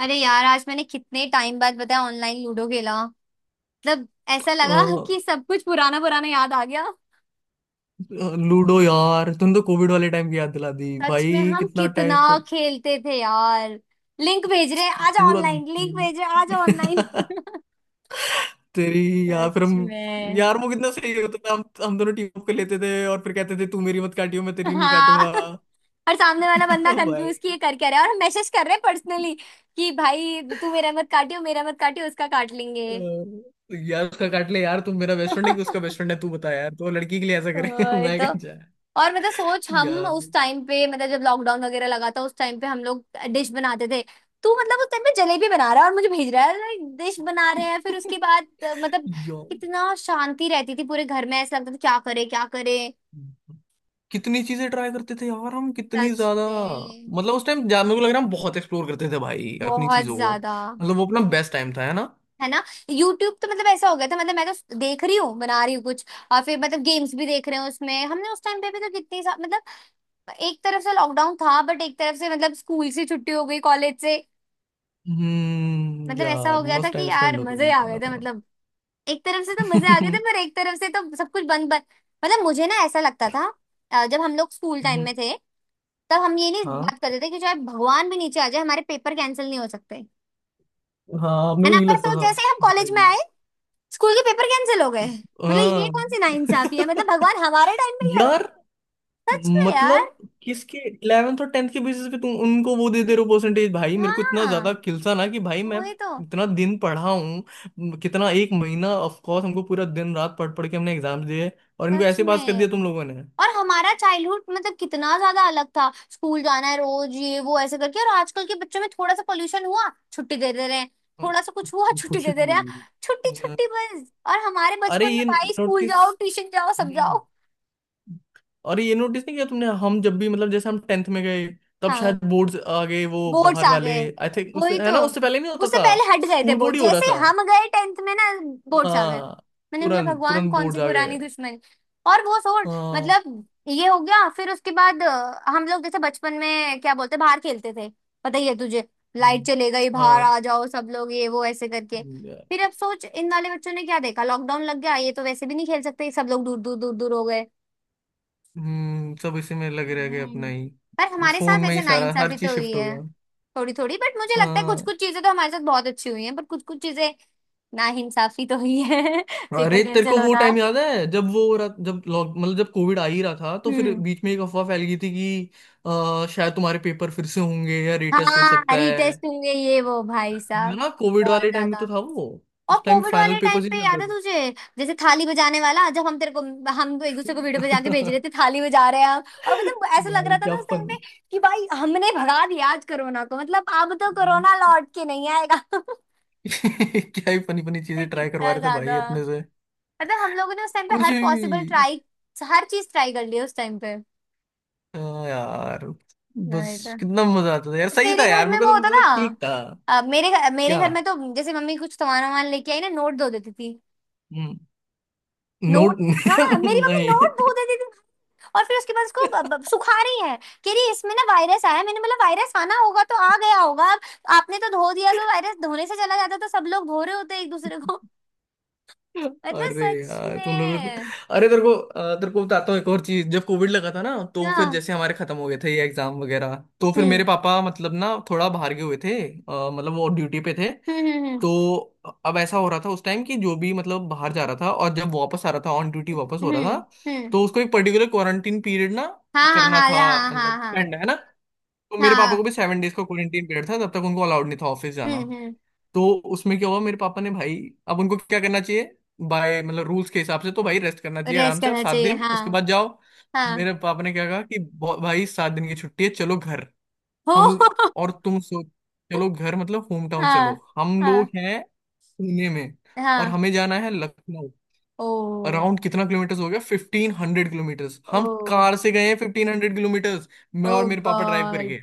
अरे यार आज मैंने कितने टाइम बाद बताया ऑनलाइन लूडो खेला। मतलब ऐसा लगा लूडो। कि सब कुछ पुराना पुराना याद आ गया। यार तुम तो कोविड वाले टाइम की याद दिला दी सच में भाई, हम कितना टाइम कितना स्पेंड खेलते थे यार। लिंक भेज रहे हैं आज पूरा ऑनलाइन लिंक भेज रहे हैं आज ऑनलाइन तेरी यार, फिर सच हम में। यार वो कितना सही होता था, हम दोनों टीम अप कर लेते थे और फिर कहते थे, तू मेरी मत काटियो, मैं तेरी नहीं हाँ काटूंगा। और सामने वाला बंदा कंफ्यूज कि भाई, ये कर क्या रहा है और हम मैसेज कर रहे हैं पर्सनली कि भाई तू मेरा मत काटियो उसका काट लेंगे। यार उसका काट ले यार, तू मेरा बेस्ट फ्रेंड है कि उसका बेस्ट फ्रेंड है, तू बता यार, तो लड़की के लिए ऐसा करे। वही मैं तो। क्या चाह और मतलब सोच हम यार उस टाइम पे मतलब जब लॉकडाउन वगैरह लगा था उस टाइम पे हम लोग डिश बनाते थे। तू मतलब उस टाइम पे जलेबी बना रहा है और मुझे भेज रहा है डिश बना रहे हैं फिर उसके बाद मतलब यार कितना शांति रहती थी पूरे घर में। ऐसा लगता था क्या करे क्या करे। कितनी चीजें ट्राई करते थे यार हम, कितनी सच ज्यादा। में। मतलब उस टाइम मेरे को लग रहा है, हम बहुत एक्सप्लोर करते थे भाई अपनी बहुत चीजों को। ज्यादा। मतलब वो अपना बेस्ट टाइम था, है ना। है ना। यूट्यूब तो मतलब ऐसा हो गया था मतलब मैं तो देख रही हूँ बना रही हूँ कुछ और फिर मतलब गेम्स भी देख रहे हैं उसमें हमने उस टाइम पे भी तो कितनी मतलब एक तरफ से लॉकडाउन था बट एक तरफ से मतलब स्कूल से छुट्टी हो गई कॉलेज से। हम्म, मतलब ऐसा यार हो गया था मस्त कि टाइम यार स्पेंड होता मजे आ गए थे था। मतलब एक तरफ से तो मजे आ गए थे पर एक तरफ से तो सब कुछ बंद बंद। मतलब मुझे ना ऐसा लगता था जब हम लोग स्कूल टाइम हम्म, में थे तब हम ये नहीं बात हाँ। करते थे कि चाहे भगवान भी नीचे आ जाए हमारे पेपर कैंसिल नहीं हो सकते है हाँ, अपने को ना। ये पर लगता सोच था जैसे ही हम कॉलेज में भाई। आए स्कूल के पेपर कैंसिल हो गए। मतलब ये कौन सी हाँ। नाइंसाफी है मतलब भगवान हमारे टाइम पे ही है। यार सच में यार। मतलब, किसके 11th और 10th के बेसिस पे तुम उनको वो दे दे रहे हो परसेंटेज भाई, मेरे को इतना हाँ ज्यादा खिलसा ना कि भाई, मैं वही तो। इतना दिन पढ़ा हूँ, कितना एक महीना ऑफ कोर्स हमको, पूरा दिन रात पढ़ पढ़ के हमने एग्जाम दिए। और इनको सच ऐसे पास कर दिया में तुम लोगों ने। और हमारा चाइल्डहुड मतलब कितना ज्यादा अलग था स्कूल जाना है रोज ये वो ऐसे करके और आजकल के बच्चों में थोड़ा सा पोल्यूशन हुआ छुट्टी दे दे रहे हैं। हाँ, थोड़ा सा कुछ हुआ छुट्टी कुछ दे दे भी। रहे हैं। छुट्टी हाँ, छुट्टी बस और हमारे अरे बचपन में ये भाई स्कूल नोटिस जाओ ट्यूशन जाओ सब जाओ। अरे ये नोटिस नहीं किया तुमने, हम जब भी मतलब जैसे हम 10th में गए, तब हाँ शायद बोर्ड्स आ गए, वो बोर्ड्स बाहर आ वाले। गए। आई थिंक उससे, वही है तो। ना, उससे पहले नहीं होता उससे था, पहले हट गए थे स्कूल बोर्ड बोर्ड ही हो रहा जैसे था। ही हम गए टेंथ में ना बोर्ड्स आ गए। हाँ, मैंने मतलब तुरंत भगवान तुरंत कौन बोर्ड सी आ गए। पुरानी दुश्मनी। और वो छोड़ हाँ। मतलब ये हो गया फिर उसके बाद हम लोग जैसे बचपन में क्या बोलते बाहर खेलते थे पता ही है तुझे। लाइट हम्म, चले गई बाहर हाँ। आ जाओ सब लोग ये वो ऐसे करके। फिर अब सोच इन वाले बच्चों ने क्या देखा लॉकडाउन लग गया ये तो वैसे भी नहीं खेल सकते सब लोग दूर दूर दूर दूर हो गए। सब इसी में लगे रह गए, अपना हम्म। ही पर हमारे फोन साथ में ही ऐसे सारा हर नाइंसाफी तो चीज हुई शिफ्ट हो है गया। थोड़ी थोड़ी बट मुझे लगता है कुछ हाँ। कुछ चीजें तो हमारे साथ बहुत अच्छी हुई हैं पर कुछ कुछ चीजें नाइंसाफी तो हुई है पेपर अरे तेरे को कैंसिल वो होना। टाइम याद है, जब वो हो रहा, जब लॉक मतलब जब कोविड आ ही रहा था, तो फिर हम्म। बीच में एक अफवाह फैल गई थी कि शायद तुम्हारे पेपर फिर से होंगे या रीटेस्ट हो सकता हाँ है। रीटेस्ट होंगे ये वो भाई है साहब। ना, कोविड बहुत वाले टाइम में ज्यादा। तो था वो, और उस टाइम कोविड फाइनल वाले टाइम पेपर ही पे चल याद है रहे तुझे जैसे थाली बजाने वाला जब हम तेरे को हम एक दूसरे को वीडियो बजा के भेज थे। रहे थे थाली बजा रहे हैं हम और मतलब ऐसा लग भाई रहा था क्या ना उस टाइम फन पे कि भाई हमने भगा दिया आज कोरोना को मतलब अब तो कोरोना लौट के नहीं आएगा। क्या ही फनी फनी अरे चीजें ट्राई करवा कितना रहे थे भाई ज्यादा। अपने से। मतलब हम लोगों ने उस टाइम पे कुछ हर पॉसिबल भी। ट्राई हर चीज ट्राई कर ली है उस टाइम पे। हाँ यार, बस। नहीं तो। कितना मजा आता था यार, सही था तेरे घर यार, मेरे में को वो तो होता मतलब था ठीक था। मेरे क्या। घर में तो जैसे मम्मी कुछ सामान वामान लेके आई ना नोट धो देती थी। हम्म, नोट। नोट। हाँ मेरी मम्मी नहीं। नोट धो देती थी। और फिर उसके बाद उसको सुखा रही है। कह रही इसमें ना वायरस आया है। मैंने बोला वायरस आना होगा तो आ गया होगा अब आपने तो धो दिया तो वायरस धोने से चला जाता तो सब लोग धो रहे होते एक दूसरे को। मतलब अरे सच यार तुम लोग तो, में। अरे तेरे को अ, तेरे को बताता हूँ एक और चीज, जब कोविड लगा था ना, तो फिर हाँ। जैसे हमारे खत्म हो गए थे ये एग्जाम वगैरह। तो फिर मेरे हम्म पापा मतलब ना थोड़ा बाहर गए हुए थे, मतलब वो ड्यूटी पे थे। हम्म। तो अब ऐसा हो रहा था उस टाइम कि जो भी मतलब बाहर जा रहा था, और जब वापस आ रहा था ऑन ड्यूटी वापस हो रहा था, हम्म। तो उसको एक पर्टिकुलर क्वारंटीन पीरियड ना हाँ हाँ करना हाँ था, हाँ मतलब हाँ हाँ। स्पेंड, है ना। तो हाँ मेरे पापा को हाँ। भी 7 days का क्वारंटीन पीरियड था, तब तक उनको अलाउड नहीं था ऑफिस जाना। हम्म। तो उसमें क्या हुआ, मेरे पापा ने भाई अब उनको क्या करना चाहिए, बाय मतलब रूल्स के हिसाब से तो भाई रेस्ट करना चाहिए, रेस आराम से आप करना सात चाहिए दिन हाँ। उसके बाद जाओ। हाँ मेरे पापा ने क्या कहा कि भाई 7 दिन की छुट्टी है, चलो घर।" हो। हम और तुम सो, चलो घर, मतलब होम टाउन चलो। हाँ हम लोग हाँ हैं पुणे में, और हाँ। हमें जाना है लखनऊ। ओ अराउंड कितना किलोमीटर्स हो गया, 1500 किलोमीटर्स हम ओ कार से गए हैं, 1500 किलोमीटर्स। मैं ओ और मेरे पापा ड्राइव गॉड। करके।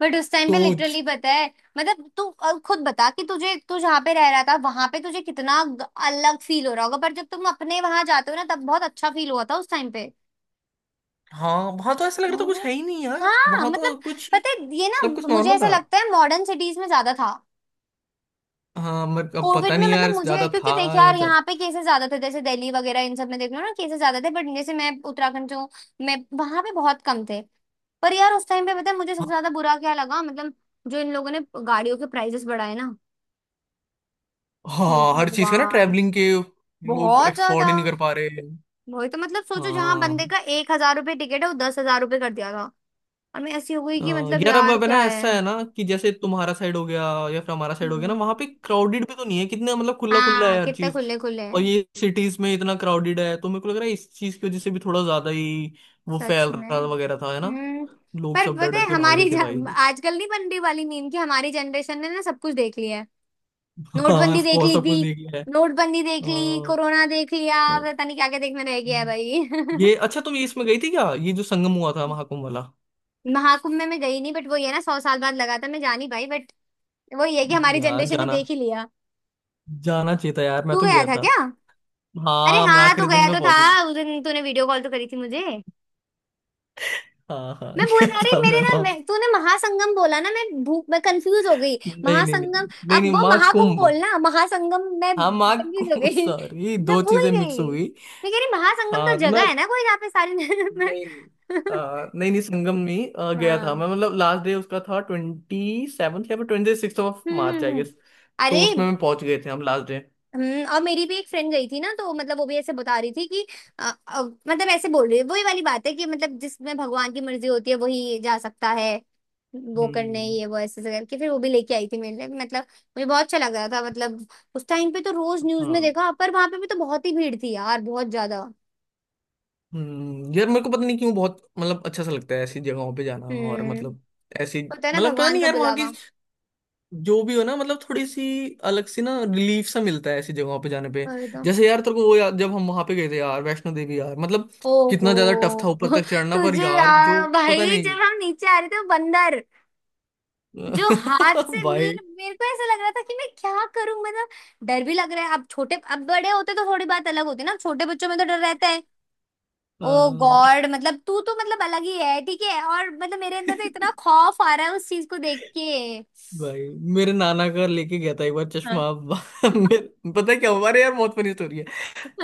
बट उस टाइम पे लिटरली सोच। पता है मतलब तू अब खुद बता कि तुझे तू जहाँ पे रह रहा था वहां पे तुझे कितना अलग फील हो रहा होगा पर जब तुम अपने वहां जाते हो ना तब बहुत अच्छा फील हुआ था उस टाइम पे। हाँ, वहां तो ऐसा लग रहा था कुछ है ही नहीं यार, हाँ वहां तो मतलब कुछ पता है ये ना सब कुछ मुझे नॉर्मल ऐसा था। लगता है मॉडर्न सिटीज में ज्यादा था। हाँ, मगर अब पता कोविड में नहीं यार मतलब मुझे ज्यादा क्योंकि था देख या यार यहाँ ज्यादा। पे केसेस ज्यादा थे जैसे दिल्ली वगैरह इन सब में देख लो ना केसेस ज्यादा थे बट जैसे मैं उत्तराखंड जो मैं वहां पे बहुत कम थे। पर यार उस टाइम पे पता है मुझे सबसे हाँ। ज्यादा बुरा क्या लगा मतलब जो इन लोगों ने गाड़ियों के प्राइसेस बढ़ाए ना। हे हाँ, हर चीज का ना, भगवान। ट्रैवलिंग के, लोग बहुत अफोर्ड ज्यादा। ही नहीं कर पा रहे हैं। वही तो मतलब सोचो जहां बंदे हाँ। का एक हजार रुपये टिकट है वो दस हजार रुपये कर दिया था। और मैं ऐसी हो गई अ, कि मतलब यार अब यार अब है ना, क्या है। ऐसा है ना कि जैसे तुम्हारा साइड हो गया या फिर हमारा साइड हो गया ना, हम्म। वहां पे क्राउडेड भी तो नहीं है कितना, मतलब खुला खुला हाँ है हर कितने चीज। खुले खुले और हैं। ये सिटीज में इतना क्राउडेड है, तो मेरे को लग रहा है इस चीज की वजह से भी थोड़ा ज्यादा ही वो सच फैल में। रहा वगैरह था, है ना। हम्म। लोग पर सब डर पता डर है के भाग रहे हमारी थे भाई। आजकल नहीं बन रही वाली मीम कि हमारी जनरेशन ने ना सब कुछ देख लिया है। हाँ, नोटबंदी ऑफ देख कोर्स ली सब कुछ थी। देख लिया है। नोटबंदी अ, देख ली कोरोना देख लिया अ, पता नहीं क्या क्या देखने रह गया है भाई। ये अच्छा, तुम ये इसमें गई थी क्या, ये जो संगम हुआ था महाकुंभ वाला। महाकुंभ में मैं गई नहीं बट वो ये ना सौ साल बाद लगा था मैं जानी भाई बट वो ये है कि हमारी यार जनरेशन ने जाना देख ही लिया। जाना चाहिए था यार, मैं तू तो गया गया था था। क्या। अरे हाँ मैं हाँ तू आखिरी दिन गया में तो था। पहुंच ही गया। उस दिन तूने वीडियो कॉल तो करी थी मुझे। हाँ हाँ। मैं बोल गया रहा, अरे था मेरे मैं ना वहां। मैं तूने महासंगम बोला ना मैं भूख मैं कंफ्यूज हो गई। नहीं नहीं नहीं महासंगम। नहीं अब नहीं, वो माँ महाकुंभ कुंभ। बोलना महासंगम मैं हाँ माँ कंफ्यूज हो कुंभ, गई। सॉरी मैं दो भूल चीजें मिक्स हो गई। गई। मैं कह रही महासंगम हाँ, तो तो मैं जगह है ना कोई जहाँ पे सारी मैं। नहीं नहीं, नहीं नहीं, संगम में गया था हाँ। मैं। मतलब लास्ट डे उसका था 27th या ट्वेंटी सिक्स ऑफ मार्च आई हम्म। गेस। अरे। तो उसमें मैं पहुंच गए थे हम लास्ट डे। और मेरी भी एक फ्रेंड गई थी ना तो मतलब वो भी ऐसे बता रही थी कि मतलब ऐसे बोल रही है वही वाली बात है कि मतलब जिसमें भगवान की मर्जी होती है वही जा सकता है। वो करने हम्म। ये वो ऐसे ऐसे करके फिर वो भी लेके आई थी मेरे लिए मतलब मुझे बहुत अच्छा लग रहा था मतलब उस टाइम पे तो रोज न्यूज में हाँ। देखा पर वहां पे भी तो बहुत ही भीड़ थी यार बहुत ज्यादा। हम्म, यार मेरे को पता नहीं क्यों बहुत मतलब अच्छा सा लगता है ऐसी जगहों पे जाना, और हम्म। मतलब ऐसी, होता है ना मतलब पता भगवान नहीं का यार वहाँ की, बुलावा। जो भी हो ना मतलब थोड़ी सी अलग सी ना रिलीफ सा मिलता है ऐसी जगहों पे जाने पे। पर तो। जैसे यार तेरे को वो यार, जब हम वहां पे गए थे यार वैष्णो देवी यार, मतलब ओहो। कितना ज्यादा टफ था ऊपर तक चढ़ना, पर तुझे यार जो यार पता भाई नहीं। जब हम नीचे आ रहे थे वो बंदर जो हाथ से भाई। मेरे मेरे को ऐसा लग रहा था कि मैं क्या करूं मतलब डर भी लग रहा है अब छोटे अब बड़े होते तो थोड़ी बात अलग होती है ना छोटे बच्चों में तो डर रहता है। ओ हाँ गॉड मतलब तू तो मतलब अलग ही है ठीक है और मतलब मेरे अंदर तो इतना खौफ आ रहा है उस चीज को देख के। भाई मेरे नाना का लेके गया था एक बार चश्मा। हाँ पता है क्या हुआ, अरे यार बहुत फनी स्टोरी है।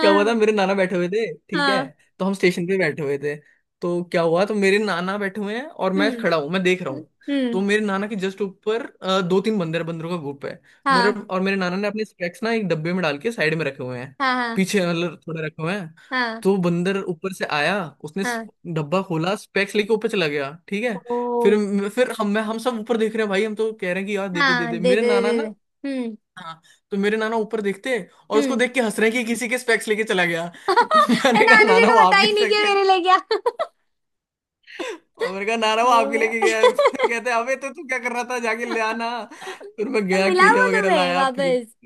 क्या हुआ था, मेरे नाना बैठे हुए थे, ठीक है। हाँ। तो हम स्टेशन पे बैठे हुए थे। तो क्या हुआ, तो मेरे नाना बैठे हुए हैं और मैं हम्म खड़ा हूँ, मैं देख रहा हूँ। तो हम्म। मेरे नाना के जस्ट ऊपर दो तीन बंदर बंदरों का ग्रुप है। हाँ मेरे नाना ने अपने स्पेक्स ना एक डब्बे में डाल के साइड में रखे हुए हैं, हाँ हाँ पीछे मतलब थोड़े रखे हुए हैं। हाँ तो बंदर ऊपर से आया, उसने स- हाँ। डब्बा खोला, स्पेक्स लेके ऊपर चला गया, ठीक है। ओ। फिर हम सब ऊपर देख रहे हैं भाई, हम तो कह रहे हैं कि यार दे दे दे हाँ दे दे मेरे दे दे नाना दे दे। ना। हम्म हाँ। तो मेरे नाना ऊपर देखते, और उसको हम्म। देख के हंस रहे हैं कि किसी के स्पेक्स लेके चला गया। ये मैंने कहा, नानी जी नाना वो को बता आपके ही नहीं स्पेक्स कि मेरे लेके, लिए क्या। और मैंने कहा नाना वो आपके हाँ। लेके गया है। फिर कहते, अबे तो तू क्या कर रहा था, जाके ले आना। फिर मैं तो गया, मिला केले वो वगैरह तुम्हें लाया वापस। फेंक।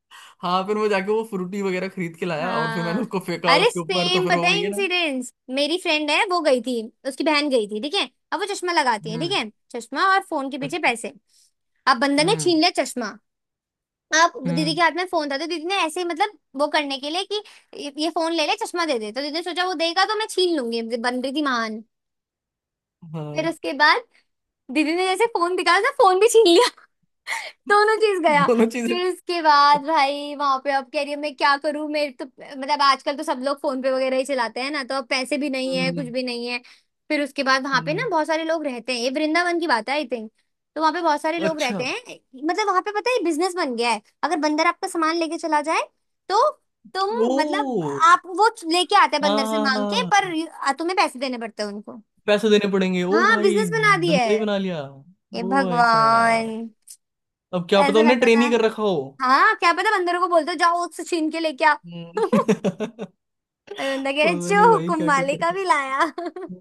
हाँ, फिर मैं जाके वो फ्रूटी वगैरह खरीद के लाया, और फिर मैंने हाँ उसको फेंका अरे उसके ऊपर, तो सेम फिर पता वो है वही है ना। इंसिडेंस। मेरी फ्रेंड है वो गई थी। उसकी बहन गई थी ठीक है अब वो चश्मा लगाती है ठीक हम्म। है। चश्मा और फोन के पीछे पैसे। अब बंदर ने हम्म। छीन लिया चश्मा। अब दीदी हम्म। के हाथ में फोन था तो दीदी ने ऐसे ही मतलब वो करने के लिए कि ये फोन ले ले चश्मा दे दे तो दीदी ने सोचा वो देगा तो मैं छीन लूंगी बन रही थी महान। फिर हाँ, उसके बाद दीदी ने जैसे फोन दिखाया तो फोन भी छीन लिया। दोनों चीज गया। दोनों चीजें। फिर उसके बाद भाई वहां पे अब कह रही है मैं क्या करूं मेरे तो मतलब आजकल तो सब लोग फोन पे वगैरह ही चलाते हैं ना तो अब पैसे भी नहीं है कुछ हम्म। भी नहीं है। फिर उसके बाद वहां पे ना हम्म। बहुत सारे लोग रहते हैं ये वृंदावन की बात है आई थिंक। तो वहां पे बहुत सारे लोग अच्छा। रहते हैं मतलब वहां पे पता है बिजनेस बन गया है अगर बंदर आपका सामान लेके चला जाए तो तुम मतलब ओ। आप वो लेके आते हैं हाँ बंदर से हाँ मांग के हाँ। पर तुम्हें पैसे देने पड़ते हैं उनको। पैसे देने पड़ेंगे, ओ हाँ भाई बिजनेस बना दिया धंधा ही है। बना लिया। ओ ये भाई साहब, भगवान। अब क्या पता ऐसा उन्हें लगता था। ट्रेन ही कर रखा हो। हाँ क्या पता बंदरों को बोलते हो जाओ उससे छीन के लेके आओ। हम्म। अरे बंदा कह रहे पता जो नहीं भाई हुक्म क्या क्या मालिक करते अभी लाया। हैं।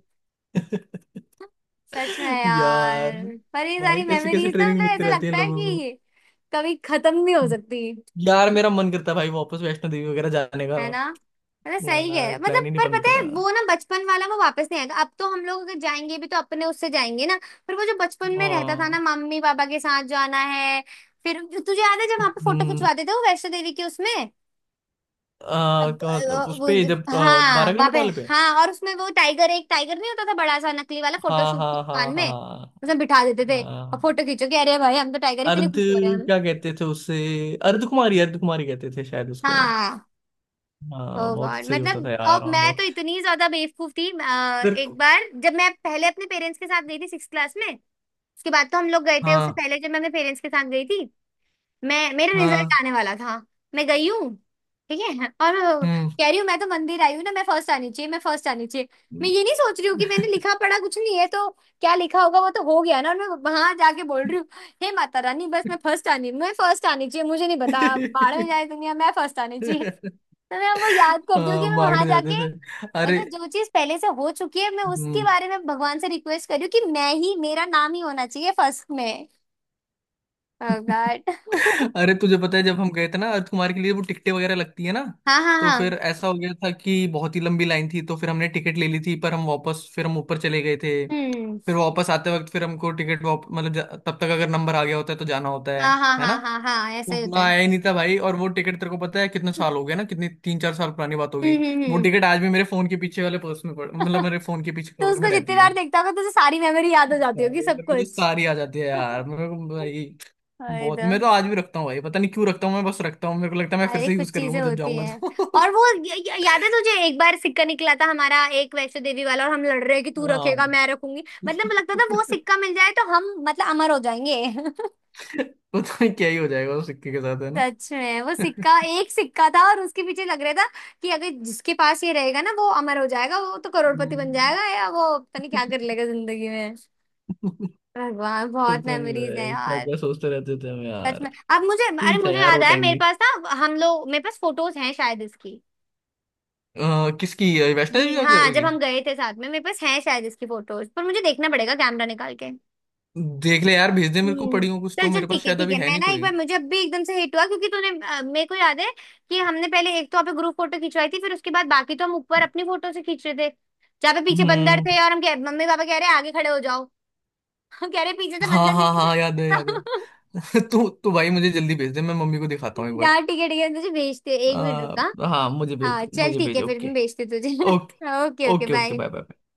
सच में यार, यार। पर ये भाई सारी कैसी कैसी मेमोरीज ना ट्रेनिंग मतलब मिलती ऐसा रहती है लगता है लोगों को। कि कभी खत्म नहीं हो हम्म। सकती। यार मेरा मन करता है भाई वापस वैष्णो देवी वगैरह जाने का। है ना मतलब सही है यार प्लान मतलब ही नहीं पर पता बनता। है वो ना बचपन वाला वो वापस नहीं आएगा अब तो हम लोग अगर जाएंगे भी तो अपने उससे जाएंगे ना। पर वो जो बचपन में रहता था ना हाँ। मम्मी पापा के साथ जाना है। फिर तुझे याद है जब वहां पे फोटो हम्म। खिंचवाते थे वो वैष्णो देवी के उसमें। अब, उस पे जब हाँ बारह वहां किलोमीटर पे। वाले पे। हाँ और उसमें वो टाइगर एक टाइगर नहीं होता था बड़ा सा नकली वाला हाँ फोटोशूट की हाँ हाँ दुकान में हाँ। उसमें बिठा देते थे। और हाँ। फोटो खींचो कि अरे भाई हम तो टाइगर इतने अर्ध खुश हो रहे हैं हम। क्या कहते थे उससे, अर्ध कुमारी कहते थे शायद उसको। हाँ। ओ हाँ, बहुत गॉड सही होता मतलब था और यार, हाँ मैं तो बहुत। इतनी ज्यादा बेवकूफ थी सर। एक बार जब मैं पहले अपने पेरेंट्स के साथ गई थी सिक्स क्लास में। उसके बाद तो हम लोग गए थे उससे हाँ। पहले जब मैं अपने पेरेंट्स के साथ गई थी। मैं मेरा रिजल्ट हाँ। आने वाला था। मैं गई हूँ ठीक है और हम्म। कह रही हूँ मैं तो मंदिर आई हूँ ना मैं फर्स्ट आनी चाहिए मैं फर्स्ट आनी चाहिए। मैं ये नहीं सोच रही हूँ कि मैंने लिखा पढ़ा कुछ नहीं है तो क्या लिखा होगा वो तो हो गया ना। और मैं वहां जाके बोल रही हूँ हे माता रानी बस मैं फर्स्ट आनी चाहिए मुझे नहीं पता बाहर में जाए दुनिया मैं फर्स्ट आनी चाहिए। तो मैं वो याद करती हूँ हाँ, कि मैं मांगने वहां जाते जाके थे। अरे। मतलब जो चीज पहले से हो चुकी है मैं उसके हम्म। बारे में भगवान से रिक्वेस्ट कर रही हूँ कि मैं ही मेरा नाम ही होना चाहिए फर्स्ट में। Oh God. अरे तुझे पता है जब हम गए थे ना अर्थ कुमार के लिए वो टिकटें वगैरह लगती है ना, हाँ हाँ तो फिर हाँ। ऐसा हो गया था कि बहुत ही लंबी लाइन थी, तो फिर हमने टिकट ले ली थी, पर हम वापस फिर हम ऊपर चले गए थे, हम्म। फिर वापस आते वक्त फिर हमको टिकट वाप मतलब तब तक अगर नंबर आ गया होता है तो जाना होता है हाँ हाँ है ना। हाँ हाँ हाँ तो ऐसा ही होता उतना है। आया ही नहीं था भाई। और वो टिकट तेरे को पता है कितने साल हो गए ना, कितनी 3-4 साल पुरानी बात होगी। वो हम्म। टिकट आज भी मेरे फोन के पीछे वाले पर्स में पड़ मतलब मेरे फोन के पीछे तो कवर में उसको जितनी रहती बार है। देखता होगा तुझे सारी मेमोरी याद हो जाती भाई होगी सब मेरे को तो कुछ। सारी आ जाती है यार, मेरे को भाई अरे बहुत। तो। मैं तो आज भी रखता हूँ भाई, पता नहीं क्यों रखता हूँ, मैं बस रखता हूँ, मेरे को लगता है मैं फिर अरे से कुछ यूज कर चीजें लूंगा जब होती जाऊंगा हैं तो। और वो य, य, याद है तुझे एक बार सिक्का निकला था हमारा एक वैष्णो देवी वाला और हम लड़ रहे हैं कि तू हाँ। रखेगा मैं रखूंगी। मतलब लगता था वो सिक्का मिल जाए तो हम मतलब अमर हो जाएंगे। पता नहीं क्या ही हो जाएगा उस सिक्के के साथ, है ना। सच में वो सिक्का एक सिक्का था और उसके पीछे लग रहा था कि अगर जिसके पास ये रहेगा ना वो अमर हो जाएगा वो तो करोड़पति बन हम्म। जाएगा या वो पता नहीं क्या कर लेगा जिंदगी में। भगवान बहुत पता नहीं मेमोरीज हैं भाई क्या यार। क्या सोचते रहते थे हम सच यार। में। अब मुझे सही अरे था मुझे यार वो याद आया टाइम मेरे भी। पास ना हम लोग मेरे पास फोटोज हैं शायद इसकी। किसकी, वैष्णो देवी ये क्या हाँ जब करेगी। हम गए थे साथ में मेरे पास हैं शायद इसकी फोटोज पर मुझे देखना पड़ेगा कैमरा निकाल के। देख ले यार, भेज दे मेरे को, हम्म। पड़ी हो कुछ चल तो, चल मेरे पास शायद ठीक अभी है है मैं नहीं ना एक कोई। बार मुझे अब भी एकदम से हिट हुआ क्योंकि तूने मेरे को याद है कि हमने पहले एक तो वहाँ पे ग्रुप फोटो खिंचवाई थी फिर उसके बाद बाकी तो हम ऊपर अपनी फोटो से खींच रहे थे जहाँ पे पीछे बंदर हम्म। थे और हम कह मम्मी पापा कह रहे आगे खड़े हो जाओ। हम कह रहे पीछे से हाँ बंदर हाँ लेके हाँ, याद है याद चलो। है। तू तू भाई मुझे जल्दी भेज दे, मैं मम्मी को दिखाता हूँ एक बार। हाँ ठीक है तुझे भेजते एक मिनट रुका। हाँ हाँ मुझे हाँ, भेज चल मुझे ठीक भेज। है फिर ओके। मैं भेजती हूँ तुझे। Okay okay okay okay, okay bye. Bye bye.